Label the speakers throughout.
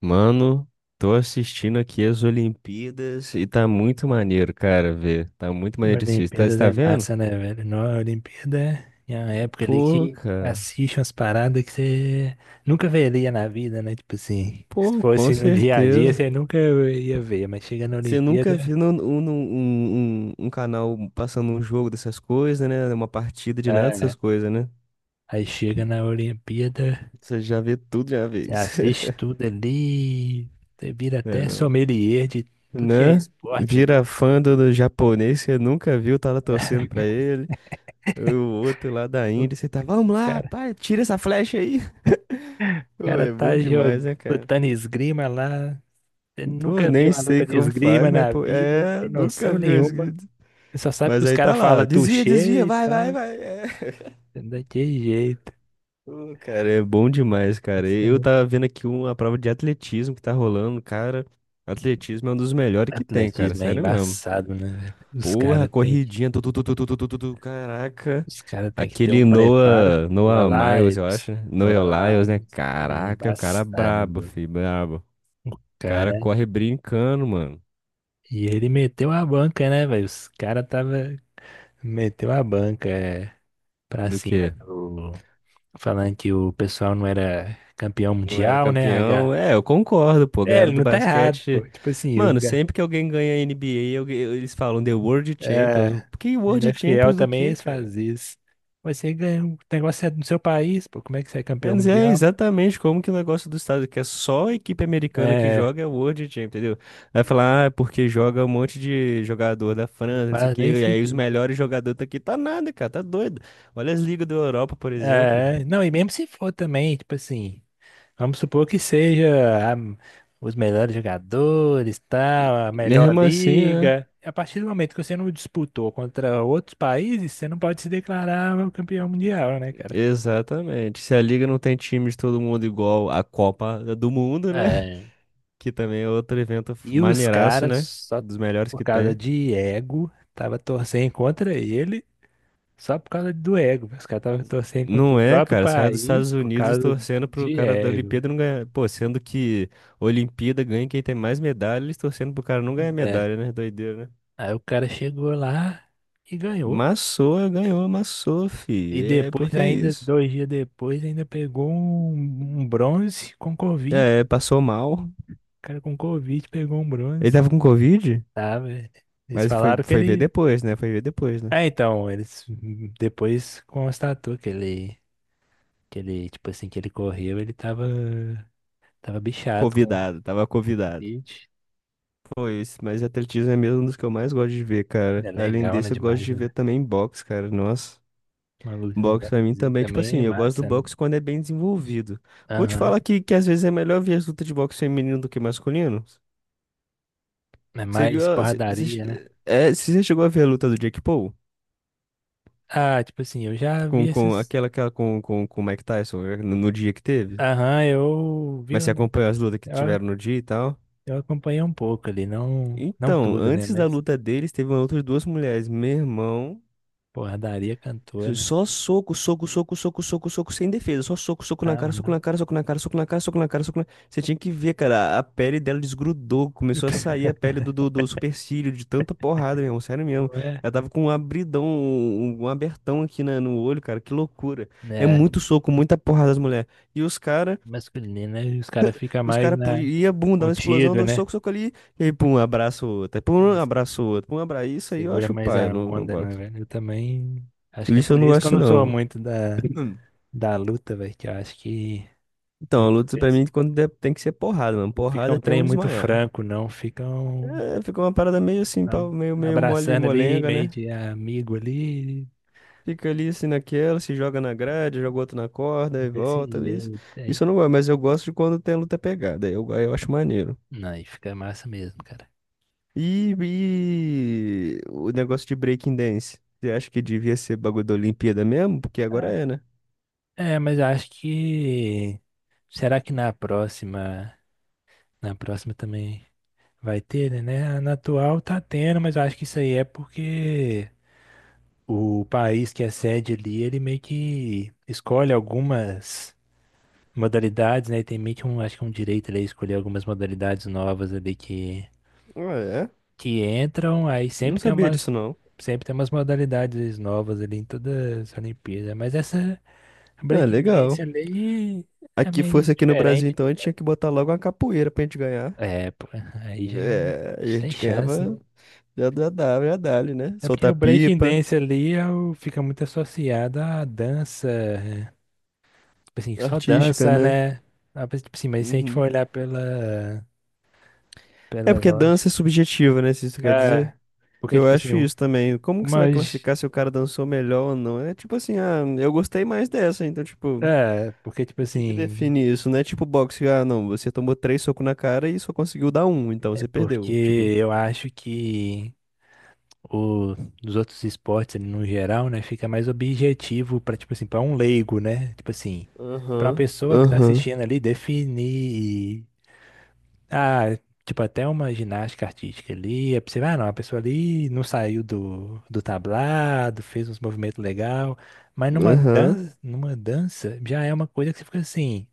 Speaker 1: Mano, tô assistindo aqui as Olimpíadas e tá muito maneiro, cara, ver. Tá muito maneiro de assistir. Tá, você
Speaker 2: Olimpíadas
Speaker 1: tá
Speaker 2: é
Speaker 1: vendo?
Speaker 2: massa, né, velho? Não, a Olimpíada é uma época ali
Speaker 1: Pô,
Speaker 2: que
Speaker 1: cara.
Speaker 2: assiste umas paradas que você nunca veria na vida, né? Tipo assim, se
Speaker 1: Pô, com
Speaker 2: fosse no dia a dia,
Speaker 1: certeza.
Speaker 2: você nunca ia ver, mas chega na
Speaker 1: Você nunca
Speaker 2: Olimpíada,
Speaker 1: viu um canal passando um jogo dessas coisas, né? Uma partida de nada
Speaker 2: é,
Speaker 1: dessas
Speaker 2: né?
Speaker 1: coisas, né?
Speaker 2: Aí chega na Olimpíada,
Speaker 1: Você já vê tudo de uma
Speaker 2: você
Speaker 1: vez.
Speaker 2: assiste tudo ali, você vira até
Speaker 1: É,
Speaker 2: sommelier de tudo que é
Speaker 1: né?
Speaker 2: esporte ali.
Speaker 1: Vira fã do japonês, você nunca viu, tá lá torcendo pra ele. O outro lá da
Speaker 2: O
Speaker 1: Índia, você tá, vamos lá,
Speaker 2: cara,
Speaker 1: pai, tira essa flecha aí.
Speaker 2: o
Speaker 1: Pô,
Speaker 2: cara
Speaker 1: é bom
Speaker 2: tá
Speaker 1: demais,
Speaker 2: jogando,
Speaker 1: né, cara?
Speaker 2: lutando esgrima lá, você
Speaker 1: Pô,
Speaker 2: nunca viu
Speaker 1: nem
Speaker 2: uma
Speaker 1: sei
Speaker 2: luta de
Speaker 1: como faz,
Speaker 2: esgrima
Speaker 1: mas,
Speaker 2: na
Speaker 1: pô,
Speaker 2: vida, não
Speaker 1: é,
Speaker 2: tem
Speaker 1: nunca
Speaker 2: noção
Speaker 1: vi esse
Speaker 2: nenhuma.
Speaker 1: grito.
Speaker 2: Você só sabe que
Speaker 1: Mas
Speaker 2: os
Speaker 1: aí tá
Speaker 2: caras
Speaker 1: lá, ó,
Speaker 2: falam
Speaker 1: desvia, desvia,
Speaker 2: touché e
Speaker 1: vai, vai,
Speaker 2: tal.
Speaker 1: vai. É.
Speaker 2: É daquele jeito.
Speaker 1: Pô, cara, é bom demais, cara. Eu
Speaker 2: Assim,
Speaker 1: tava vendo aqui uma prova de atletismo que tá rolando, cara. Atletismo é um dos melhores que tem, cara,
Speaker 2: atletismo é
Speaker 1: sério mesmo.
Speaker 2: embaçado, né, velho? Os
Speaker 1: Porra,
Speaker 2: caras têm que,
Speaker 1: corridinha, tu, tu, tu, tu, tu, tu, tu, tu, tu, caraca.
Speaker 2: os cara tem que ter um
Speaker 1: Aquele
Speaker 2: preparo.
Speaker 1: Noah,
Speaker 2: Não é
Speaker 1: Noah
Speaker 2: lá,
Speaker 1: Miles, eu
Speaker 2: Ibs.
Speaker 1: acho, né?
Speaker 2: Não é
Speaker 1: Noah
Speaker 2: lá,
Speaker 1: Lyles, né?
Speaker 2: Ibs. Ele é
Speaker 1: Caraca, o cara
Speaker 2: embaçado,
Speaker 1: brabo,
Speaker 2: meu.
Speaker 1: fi, brabo.
Speaker 2: O
Speaker 1: O cara
Speaker 2: cara.
Speaker 1: corre brincando, mano.
Speaker 2: E ele meteu a banca, né, velho? Os caras tava. Meteu a banca é, pra
Speaker 1: Do
Speaker 2: cima
Speaker 1: quê?
Speaker 2: do. Falando que o pessoal não era campeão
Speaker 1: Não era
Speaker 2: mundial, né, H?
Speaker 1: campeão? É, eu concordo, pô,
Speaker 2: É,
Speaker 1: galera
Speaker 2: ele
Speaker 1: do
Speaker 2: não tá errado,
Speaker 1: basquete.
Speaker 2: pô. Tipo assim, o
Speaker 1: Mano, sempre que alguém ganha NBA, alguém- eles falam The World Champions.
Speaker 2: é,
Speaker 1: Que World
Speaker 2: NFL
Speaker 1: Champions do
Speaker 2: também
Speaker 1: quê,
Speaker 2: eles
Speaker 1: cara?
Speaker 2: fazem isso. Mas você ganha um negócio é do seu país, pô, como é que você é
Speaker 1: Quer
Speaker 2: campeão
Speaker 1: dizer, é
Speaker 2: mundial?
Speaker 1: exatamente como que o negócio do estado, que é só a equipe americana que
Speaker 2: É,
Speaker 1: joga é o World Champions, entendeu? Vai falar, ah, é porque joga um monte de jogador da
Speaker 2: não
Speaker 1: França, não sei o
Speaker 2: faz
Speaker 1: quê,
Speaker 2: nem
Speaker 1: e aí os
Speaker 2: sentido.
Speaker 1: melhores jogadores tá aqui, tá nada, cara, tá doido. Olha as ligas da Europa, por exemplo.
Speaker 2: Né? É, não, e mesmo se for também, tipo assim, vamos supor que seja a- os melhores jogadores, tal, a melhor
Speaker 1: Mesmo assim, né?
Speaker 2: liga. A partir do momento que você não disputou contra outros países, você não pode se declarar o campeão mundial, né, cara?
Speaker 1: Exatamente. Se a liga não tem time de todo mundo igual a Copa do Mundo, né? Que também é outro evento
Speaker 2: E os
Speaker 1: maneiraço,
Speaker 2: caras,
Speaker 1: né?
Speaker 2: só
Speaker 1: Dos melhores
Speaker 2: por
Speaker 1: que
Speaker 2: causa
Speaker 1: tem.
Speaker 2: de ego, tava torcendo contra ele, só por causa do ego. Os caras estavam torcendo contra o
Speaker 1: Não é,
Speaker 2: próprio
Speaker 1: cara. Os caras dos
Speaker 2: país
Speaker 1: Estados
Speaker 2: por
Speaker 1: Unidos
Speaker 2: causa
Speaker 1: torcendo pro
Speaker 2: de
Speaker 1: cara da
Speaker 2: ego.
Speaker 1: Olimpíada não ganhar. Pô, sendo que Olimpíada ganha quem tem mais medalha, eles torcendo pro cara não ganhar
Speaker 2: Né?
Speaker 1: medalha, né? Doideira, né?
Speaker 2: Aí o cara chegou lá e ganhou.
Speaker 1: Massou, ganhou, amassou,
Speaker 2: E
Speaker 1: fi. É
Speaker 2: depois,
Speaker 1: porque é
Speaker 2: ainda,
Speaker 1: isso.
Speaker 2: dois dias depois, ainda pegou um bronze com Covid.
Speaker 1: É, passou mal.
Speaker 2: O cara com Covid pegou um
Speaker 1: Ele
Speaker 2: bronze.
Speaker 1: tava com Covid,
Speaker 2: Tá, velho? Eles
Speaker 1: mas foi,
Speaker 2: falaram que
Speaker 1: foi ver
Speaker 2: ele.
Speaker 1: depois, né? Foi ver depois, né?
Speaker 2: Ah, então, eles depois constatou que ele, que ele, tipo assim, que ele correu, ele tava, tava bichado com o
Speaker 1: Convidado, tava convidado.
Speaker 2: colite.
Speaker 1: Foi isso, mas atletismo é mesmo um dos que eu mais gosto de ver,
Speaker 2: É
Speaker 1: cara. Além
Speaker 2: legal, né?
Speaker 1: desse, eu gosto
Speaker 2: Demais,
Speaker 1: de
Speaker 2: né?
Speaker 1: ver também boxe, cara. Nossa.
Speaker 2: Uma lu- um
Speaker 1: Box pra mim
Speaker 2: boxezinho
Speaker 1: também, tipo
Speaker 2: também é
Speaker 1: assim, eu gosto do
Speaker 2: massa, né?
Speaker 1: box quando é bem desenvolvido. Vou te
Speaker 2: Aham.
Speaker 1: falar que às vezes é melhor ver as lutas de boxe feminino do que masculino.
Speaker 2: É
Speaker 1: Você viu
Speaker 2: mais
Speaker 1: a, cê- cê
Speaker 2: porradaria, né?
Speaker 1: che- é, se você chegou a ver a luta do Jake Paul
Speaker 2: Ah, tipo assim, eu já vi
Speaker 1: com
Speaker 2: esses.
Speaker 1: aquela, aquela com o Mike Tyson no, no dia que teve?
Speaker 2: Aham, eu vi.
Speaker 1: Mas você acompanhou
Speaker 2: Eu,
Speaker 1: as lutas que tiveram no dia e tal?
Speaker 2: eu acompanhei um pouco ali, não, não
Speaker 1: Então,
Speaker 2: tudo, né?
Speaker 1: antes da
Speaker 2: Mas
Speaker 1: luta deles, teve uma luta de duas mulheres. Meu irmão.
Speaker 2: porradaria cantor, né?
Speaker 1: Só soco, soco, soco, soco, soco, soco, sem defesa. Só soco, soco na cara,
Speaker 2: Aham.
Speaker 1: soco na cara, soco na cara, soco na cara, soco na cara, soco na... cara. Você tinha que ver, cara, a pele dela desgrudou, começou a sair a pele do supercílio, de tanta porrada, meu irmão, sério mesmo.
Speaker 2: Não é?
Speaker 1: Ela tava com um abridão, um abertão aqui na, no olho, cara, que loucura. É
Speaker 2: Né?
Speaker 1: muito soco, muita porrada das mulheres. E
Speaker 2: Masculino, né? Os caras ficam
Speaker 1: os
Speaker 2: mais
Speaker 1: cara, pu-
Speaker 2: na,
Speaker 1: ia, bum, dá uma explosão,
Speaker 2: contido,
Speaker 1: dois
Speaker 2: né?
Speaker 1: socos, soco ali, e aí, pum, abraço outro, aí, pum, abraço outro, pum, abraço. Isso aí eu
Speaker 2: Segura
Speaker 1: acho
Speaker 2: mais
Speaker 1: paia
Speaker 2: a
Speaker 1: no
Speaker 2: onda, né,
Speaker 1: boxe.
Speaker 2: velho? Eu também. Acho que é
Speaker 1: Isso eu
Speaker 2: por
Speaker 1: não
Speaker 2: isso que eu
Speaker 1: gosto,
Speaker 2: não sou
Speaker 1: não.
Speaker 2: muito da, da luta, velho. Que eu acho que
Speaker 1: Então, a
Speaker 2: muitas
Speaker 1: luta pra
Speaker 2: vezes
Speaker 1: mim quando der- tem que ser porrada, mano.
Speaker 2: não fica
Speaker 1: Porrada
Speaker 2: um
Speaker 1: até
Speaker 2: trem
Speaker 1: um
Speaker 2: muito
Speaker 1: desmaiar.
Speaker 2: franco, não. Ficam
Speaker 1: É, fica uma parada meio assim,
Speaker 2: ab-
Speaker 1: pau- meio, meio mole
Speaker 2: abraçando ali,
Speaker 1: molenga,
Speaker 2: meio
Speaker 1: né?
Speaker 2: de amigo ali,
Speaker 1: Fica ali assim naquela, se joga na grade, joga outro na corda e
Speaker 2: desse
Speaker 1: volta. Isso,
Speaker 2: jeito
Speaker 1: isso
Speaker 2: aí.
Speaker 1: eu não gosto, mas eu gosto de quando tem luta pegada. Aí Eu, aí eu acho maneiro.
Speaker 2: Não, aí fica massa mesmo, cara.
Speaker 1: E o negócio de breaking dance? Você acha que devia ser bagulho da Olimpíada mesmo? Porque agora é, né?
Speaker 2: É, mas eu acho que. Será que na próxima. Na próxima também vai ter, né? Na atual tá tendo, mas eu acho que isso aí é porque. O país que é sede ali, ele meio que escolhe algumas modalidades, né? Tem meio que um, acho que um direito ali a escolher algumas modalidades novas ali
Speaker 1: Ah, é?
Speaker 2: que entram, aí
Speaker 1: Não sabia disso, não.
Speaker 2: sempre tem umas modalidades novas ali em todas as Olimpíadas. Mas essa
Speaker 1: Ah, legal.
Speaker 2: breakdance ali é
Speaker 1: Aqui
Speaker 2: meio
Speaker 1: fosse aqui no Brasil,
Speaker 2: diferente.
Speaker 1: então, a gente tinha que botar logo uma capoeira pra gente ganhar.
Speaker 2: É, pô, aí já me-
Speaker 1: É, e a
Speaker 2: sem
Speaker 1: gente
Speaker 2: chance,
Speaker 1: ganhava
Speaker 2: né?
Speaker 1: já da W já dali, né?
Speaker 2: É porque
Speaker 1: Soltar
Speaker 2: o
Speaker 1: pipa,
Speaker 2: breakdance ali é o- fica muito associado à dança. Tipo assim, só
Speaker 1: artística,
Speaker 2: dança,
Speaker 1: né?
Speaker 2: né? Ah, mas, tipo assim, mas se a gente for
Speaker 1: Uhum.
Speaker 2: olhar pela,
Speaker 1: É
Speaker 2: pela
Speaker 1: porque
Speaker 2: lógica.
Speaker 1: dança é subjetiva, né? Se isso quer
Speaker 2: É,
Speaker 1: dizer.
Speaker 2: porque,
Speaker 1: Eu
Speaker 2: tipo assim,
Speaker 1: acho
Speaker 2: um-
Speaker 1: isso também. Como que você vai
Speaker 2: umas.
Speaker 1: classificar se o cara dançou melhor ou não? É tipo assim, ah, eu gostei mais dessa, então, tipo,
Speaker 2: É, porque, tipo
Speaker 1: o que que
Speaker 2: assim.
Speaker 1: define isso? Não é tipo boxe, ah, não, você tomou três socos na cara e só conseguiu dar um, então
Speaker 2: É
Speaker 1: você
Speaker 2: porque
Speaker 1: perdeu. Tipo.
Speaker 2: eu acho que o, dos outros esportes, ali, no geral, né, fica mais objetivo pra, tipo assim, pra um leigo, né? Tipo assim, pra uma
Speaker 1: Aham,
Speaker 2: pessoa que tá
Speaker 1: aham,
Speaker 2: assistindo ali definir. Ah, tipo, até uma ginástica artística ali, é possível, ah, não, a pessoa ali não saiu do, do tablado, fez uns movimentos legal, mas numa
Speaker 1: aham.
Speaker 2: dança, numa dança já é uma coisa que você fica assim,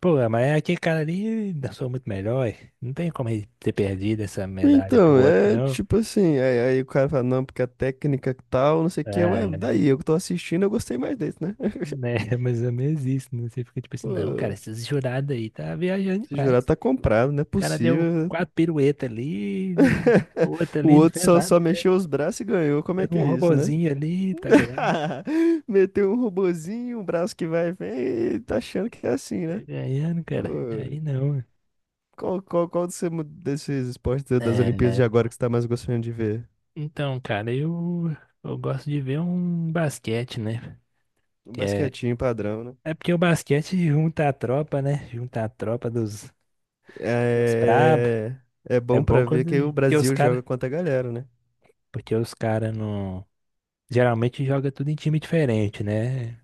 Speaker 2: pô, mas é aquele cara ali dançou muito melhor, e não tem como ele ter perdido essa medalha pro
Speaker 1: Então,
Speaker 2: outro,
Speaker 1: é
Speaker 2: não.
Speaker 1: tipo assim, aí, aí o cara fala, não, porque a técnica que tal, não sei o que, ué,
Speaker 2: É, né,
Speaker 1: daí, eu que tô assistindo, eu gostei mais desse, né?
Speaker 2: mais ou menos isso, né? Você fica tipo assim, não, cara,
Speaker 1: Pô,
Speaker 2: esses jurados aí tá viajando
Speaker 1: se jurar
Speaker 2: demais.
Speaker 1: tá comprado, não é
Speaker 2: O cara deu
Speaker 1: possível.
Speaker 2: quatro piruetas ali, e outra
Speaker 1: O
Speaker 2: ali não
Speaker 1: outro
Speaker 2: fez
Speaker 1: só,
Speaker 2: nada.
Speaker 1: só mexeu os braços e ganhou, como é
Speaker 2: Fez
Speaker 1: que
Speaker 2: um
Speaker 1: é isso, né?
Speaker 2: robozinho ali,
Speaker 1: Meteu um robozinho, um braço que vai e vem, e tá achando que é assim,
Speaker 2: tá
Speaker 1: né?
Speaker 2: ganhando,
Speaker 1: Pô,
Speaker 2: cara. Aí não.
Speaker 1: qual, qual, qual desse- desses esportes da- das
Speaker 2: É,
Speaker 1: Olimpíadas
Speaker 2: né,
Speaker 1: de
Speaker 2: pô.
Speaker 1: agora que você tá mais gostando de ver?
Speaker 2: Então, cara, eu gosto de ver um basquete, né?
Speaker 1: Um
Speaker 2: Que é,
Speaker 1: basquetinho padrão, né?
Speaker 2: é porque o basquete junta a tropa, né? Junta a tropa dos, dos brabos.
Speaker 1: É, é
Speaker 2: É
Speaker 1: bom
Speaker 2: bom
Speaker 1: pra
Speaker 2: quando
Speaker 1: ver que o
Speaker 2: porque os
Speaker 1: Brasil
Speaker 2: cara,
Speaker 1: joga contra a galera, né?
Speaker 2: porque os cara não geralmente joga tudo em time diferente, né?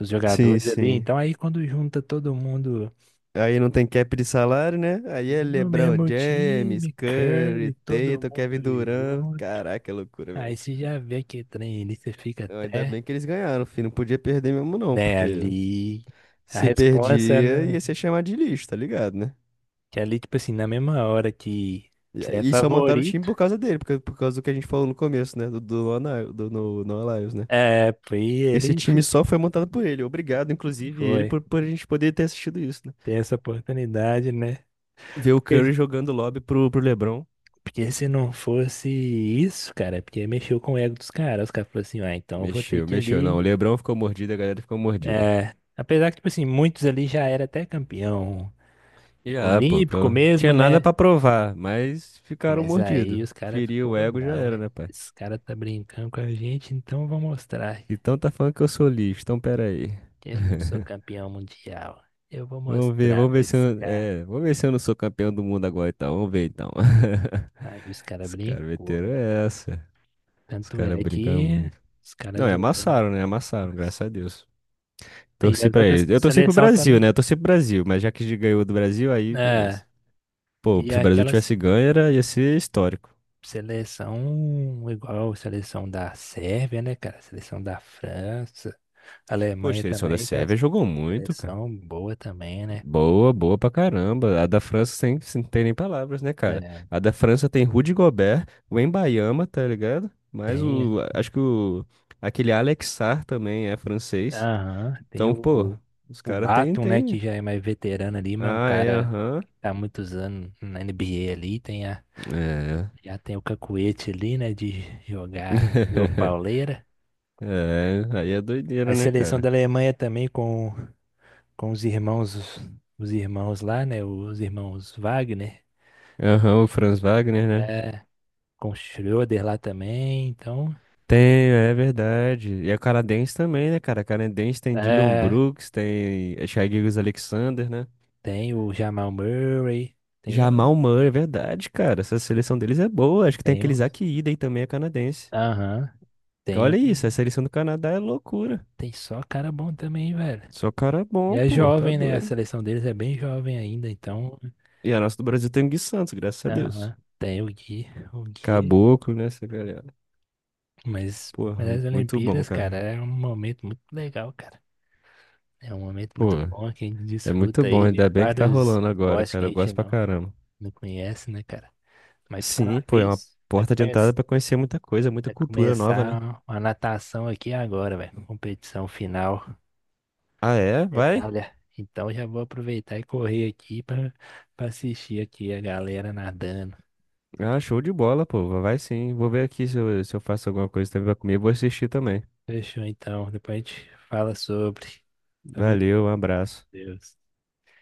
Speaker 2: Os
Speaker 1: Sim,
Speaker 2: jogadores ali,
Speaker 1: sim.
Speaker 2: então aí quando junta todo mundo
Speaker 1: Aí não tem cap de salário, né? Aí é
Speaker 2: no
Speaker 1: LeBron
Speaker 2: mesmo
Speaker 1: James,
Speaker 2: time,
Speaker 1: Curry,
Speaker 2: Curry, todo
Speaker 1: Tatum,
Speaker 2: mundo
Speaker 1: Kevin Durant.
Speaker 2: junto.
Speaker 1: Caraca, é loucura
Speaker 2: Aí
Speaker 1: mesmo.
Speaker 2: você já vê que trem ali, você fica
Speaker 1: Não, ainda
Speaker 2: até,
Speaker 1: bem que eles ganharam, filho. Não podia perder mesmo, não,
Speaker 2: né,
Speaker 1: porque
Speaker 2: ali. A
Speaker 1: se
Speaker 2: resposta,
Speaker 1: perdia
Speaker 2: né?
Speaker 1: ia ser chamado de lixo, tá ligado, né?
Speaker 2: Que ali, tipo assim, na mesma hora que você é
Speaker 1: E só montaram o time
Speaker 2: favorito,
Speaker 1: por causa dele, porque- por causa do que a gente falou no começo, né? Lona- do no Lions, né?
Speaker 2: é, foi
Speaker 1: Esse
Speaker 2: ele
Speaker 1: time
Speaker 2: fi-
Speaker 1: só foi montado por ele. Obrigado, inclusive, ele,
Speaker 2: foi.
Speaker 1: por a gente poder ter assistido isso, né?
Speaker 2: Tem essa oportunidade, né?
Speaker 1: Ver o
Speaker 2: Porque,
Speaker 1: Curry jogando lobby pro LeBron.
Speaker 2: porque se não fosse isso, cara, é porque mexeu com o ego dos caras. Os caras falaram assim, ah, então eu vou ter
Speaker 1: Mexeu,
Speaker 2: que
Speaker 1: mexeu. Não,
Speaker 2: ali.
Speaker 1: o LeBron ficou mordido, a galera ficou mordida.
Speaker 2: É, apesar que, tipo assim, muitos ali já era até campeão
Speaker 1: Já, pô,
Speaker 2: olímpico
Speaker 1: pô.
Speaker 2: mesmo,
Speaker 1: Tinha nada
Speaker 2: né?
Speaker 1: pra provar, mas ficaram
Speaker 2: Mas
Speaker 1: mordidos.
Speaker 2: aí os caras
Speaker 1: Feriu o
Speaker 2: ficou,
Speaker 1: ego, já
Speaker 2: não,
Speaker 1: era,
Speaker 2: é,
Speaker 1: né, pai?
Speaker 2: esse cara tá brincando com a gente, então eu vou mostrar
Speaker 1: Então tá falando que eu sou lixo, então pera aí.
Speaker 2: que eu não sou campeão mundial. Eu vou mostrar
Speaker 1: Vamos
Speaker 2: pra
Speaker 1: ver se
Speaker 2: esse
Speaker 1: eu,
Speaker 2: cara.
Speaker 1: é, vamos ver se eu não sou campeão do mundo agora, então. Vamos ver, então.
Speaker 2: Aí os caras
Speaker 1: Os caras
Speaker 2: brincou,
Speaker 1: meteram
Speaker 2: velho.
Speaker 1: essa. Os
Speaker 2: Tanto
Speaker 1: caras
Speaker 2: é
Speaker 1: brincam
Speaker 2: que
Speaker 1: muito.
Speaker 2: os
Speaker 1: Não,
Speaker 2: caras
Speaker 1: e
Speaker 2: jogando.
Speaker 1: amassaram, né? Amassaram, graças
Speaker 2: Nossa.
Speaker 1: a Deus.
Speaker 2: E
Speaker 1: Torci
Speaker 2: as
Speaker 1: pra
Speaker 2: outras
Speaker 1: eles. Eu torci pro
Speaker 2: seleção
Speaker 1: Brasil,
Speaker 2: também.
Speaker 1: né? Eu torci pro Brasil, mas já que ganhou do Brasil, aí
Speaker 2: É,
Speaker 1: beleza. Pô,
Speaker 2: e
Speaker 1: se o Brasil
Speaker 2: aquelas
Speaker 1: tivesse ganho, era, ia ser histórico.
Speaker 2: seleção igual a seleção da Sérvia, né, cara? Seleção da França,
Speaker 1: Poxa, a
Speaker 2: Alemanha
Speaker 1: seleção da
Speaker 2: também, tem uma
Speaker 1: Sérvia jogou muito, cara.
Speaker 2: seleção boa também, né?
Speaker 1: Boa, boa pra caramba. A da França sem, sem tem nem palavras, né, cara?
Speaker 2: É,
Speaker 1: A da França tem Rudy Gobert, o Embayama, tá ligado? Mas
Speaker 2: tem
Speaker 1: o. Acho que o. Aquele Alex Sarr também é francês.
Speaker 2: aham, tem
Speaker 1: Então, pô, os
Speaker 2: o
Speaker 1: caras tem,
Speaker 2: Batum, né, que
Speaker 1: tem.
Speaker 2: já é mais veterano ali, mas é um
Speaker 1: Ah, é,
Speaker 2: cara que
Speaker 1: aham.
Speaker 2: tá há muitos anos na NBA ali, tem a,
Speaker 1: É.
Speaker 2: já tem o cacuete ali, né, de jogar, jogou pauleira.
Speaker 1: É, aí é doideira,
Speaker 2: A
Speaker 1: né,
Speaker 2: seleção da
Speaker 1: cara?
Speaker 2: Alemanha também com os irmãos lá, né, os irmãos Wagner,
Speaker 1: Aham, o Franz Wagner, né?
Speaker 2: é, com o Schröder lá também, então,
Speaker 1: Tem, é verdade. E a canadense também, né, cara? A canadense tem Dylan
Speaker 2: é,
Speaker 1: Brooks, tem Shai Gilgeous-Alexander, né?
Speaker 2: tem o Jamal Murray, tem, um,
Speaker 1: Jamal Murray, é verdade, cara. Essa seleção deles é boa. Acho que tem
Speaker 2: tem,
Speaker 1: aquele
Speaker 2: um,
Speaker 1: Zach Ida aí também, é canadense.
Speaker 2: aham, tem,
Speaker 1: Olha
Speaker 2: um-
Speaker 1: isso, a seleção do Canadá é loucura.
Speaker 2: tem só cara bom também, velho.
Speaker 1: Só cara
Speaker 2: E
Speaker 1: bom,
Speaker 2: é
Speaker 1: pô, tá
Speaker 2: jovem, né? A
Speaker 1: doido.
Speaker 2: seleção deles é bem jovem ainda, então.
Speaker 1: E a nossa do Brasil tem o Gui Santos, graças a Deus.
Speaker 2: Aham. Tem o Gui, o Gui.
Speaker 1: Caboclo, né, essa galera.
Speaker 2: Mas
Speaker 1: Porra,
Speaker 2: as
Speaker 1: muito bom,
Speaker 2: Olimpíadas, cara,
Speaker 1: cara.
Speaker 2: é um momento muito legal, cara. É um momento
Speaker 1: Pô,
Speaker 2: muito bom que a gente
Speaker 1: é muito
Speaker 2: desfruta
Speaker 1: bom.
Speaker 2: aí
Speaker 1: Ainda
Speaker 2: de
Speaker 1: bem que tá
Speaker 2: vários
Speaker 1: rolando agora,
Speaker 2: esportes que
Speaker 1: cara.
Speaker 2: a
Speaker 1: Eu
Speaker 2: gente
Speaker 1: gosto pra
Speaker 2: não,
Speaker 1: caramba.
Speaker 2: não conhece, né, cara? Mas por
Speaker 1: Sim,
Speaker 2: falar
Speaker 1: pô, é uma
Speaker 2: nisso,
Speaker 1: porta de entrada pra conhecer muita coisa, muita
Speaker 2: vai
Speaker 1: cultura nova, né?
Speaker 2: começar uma natação aqui agora, velho. Competição final,
Speaker 1: Ah, é? Vai?
Speaker 2: medalha. Então já vou aproveitar e correr aqui para assistir aqui a galera nadando.
Speaker 1: Ah, show de bola, pô. Vai sim. Vou ver aqui se eu faço alguma coisa também pra comer. Vou assistir também.
Speaker 2: Fechou então. Depois a gente fala sobre. Pelo amor
Speaker 1: Valeu, um abraço.
Speaker 2: de Deus.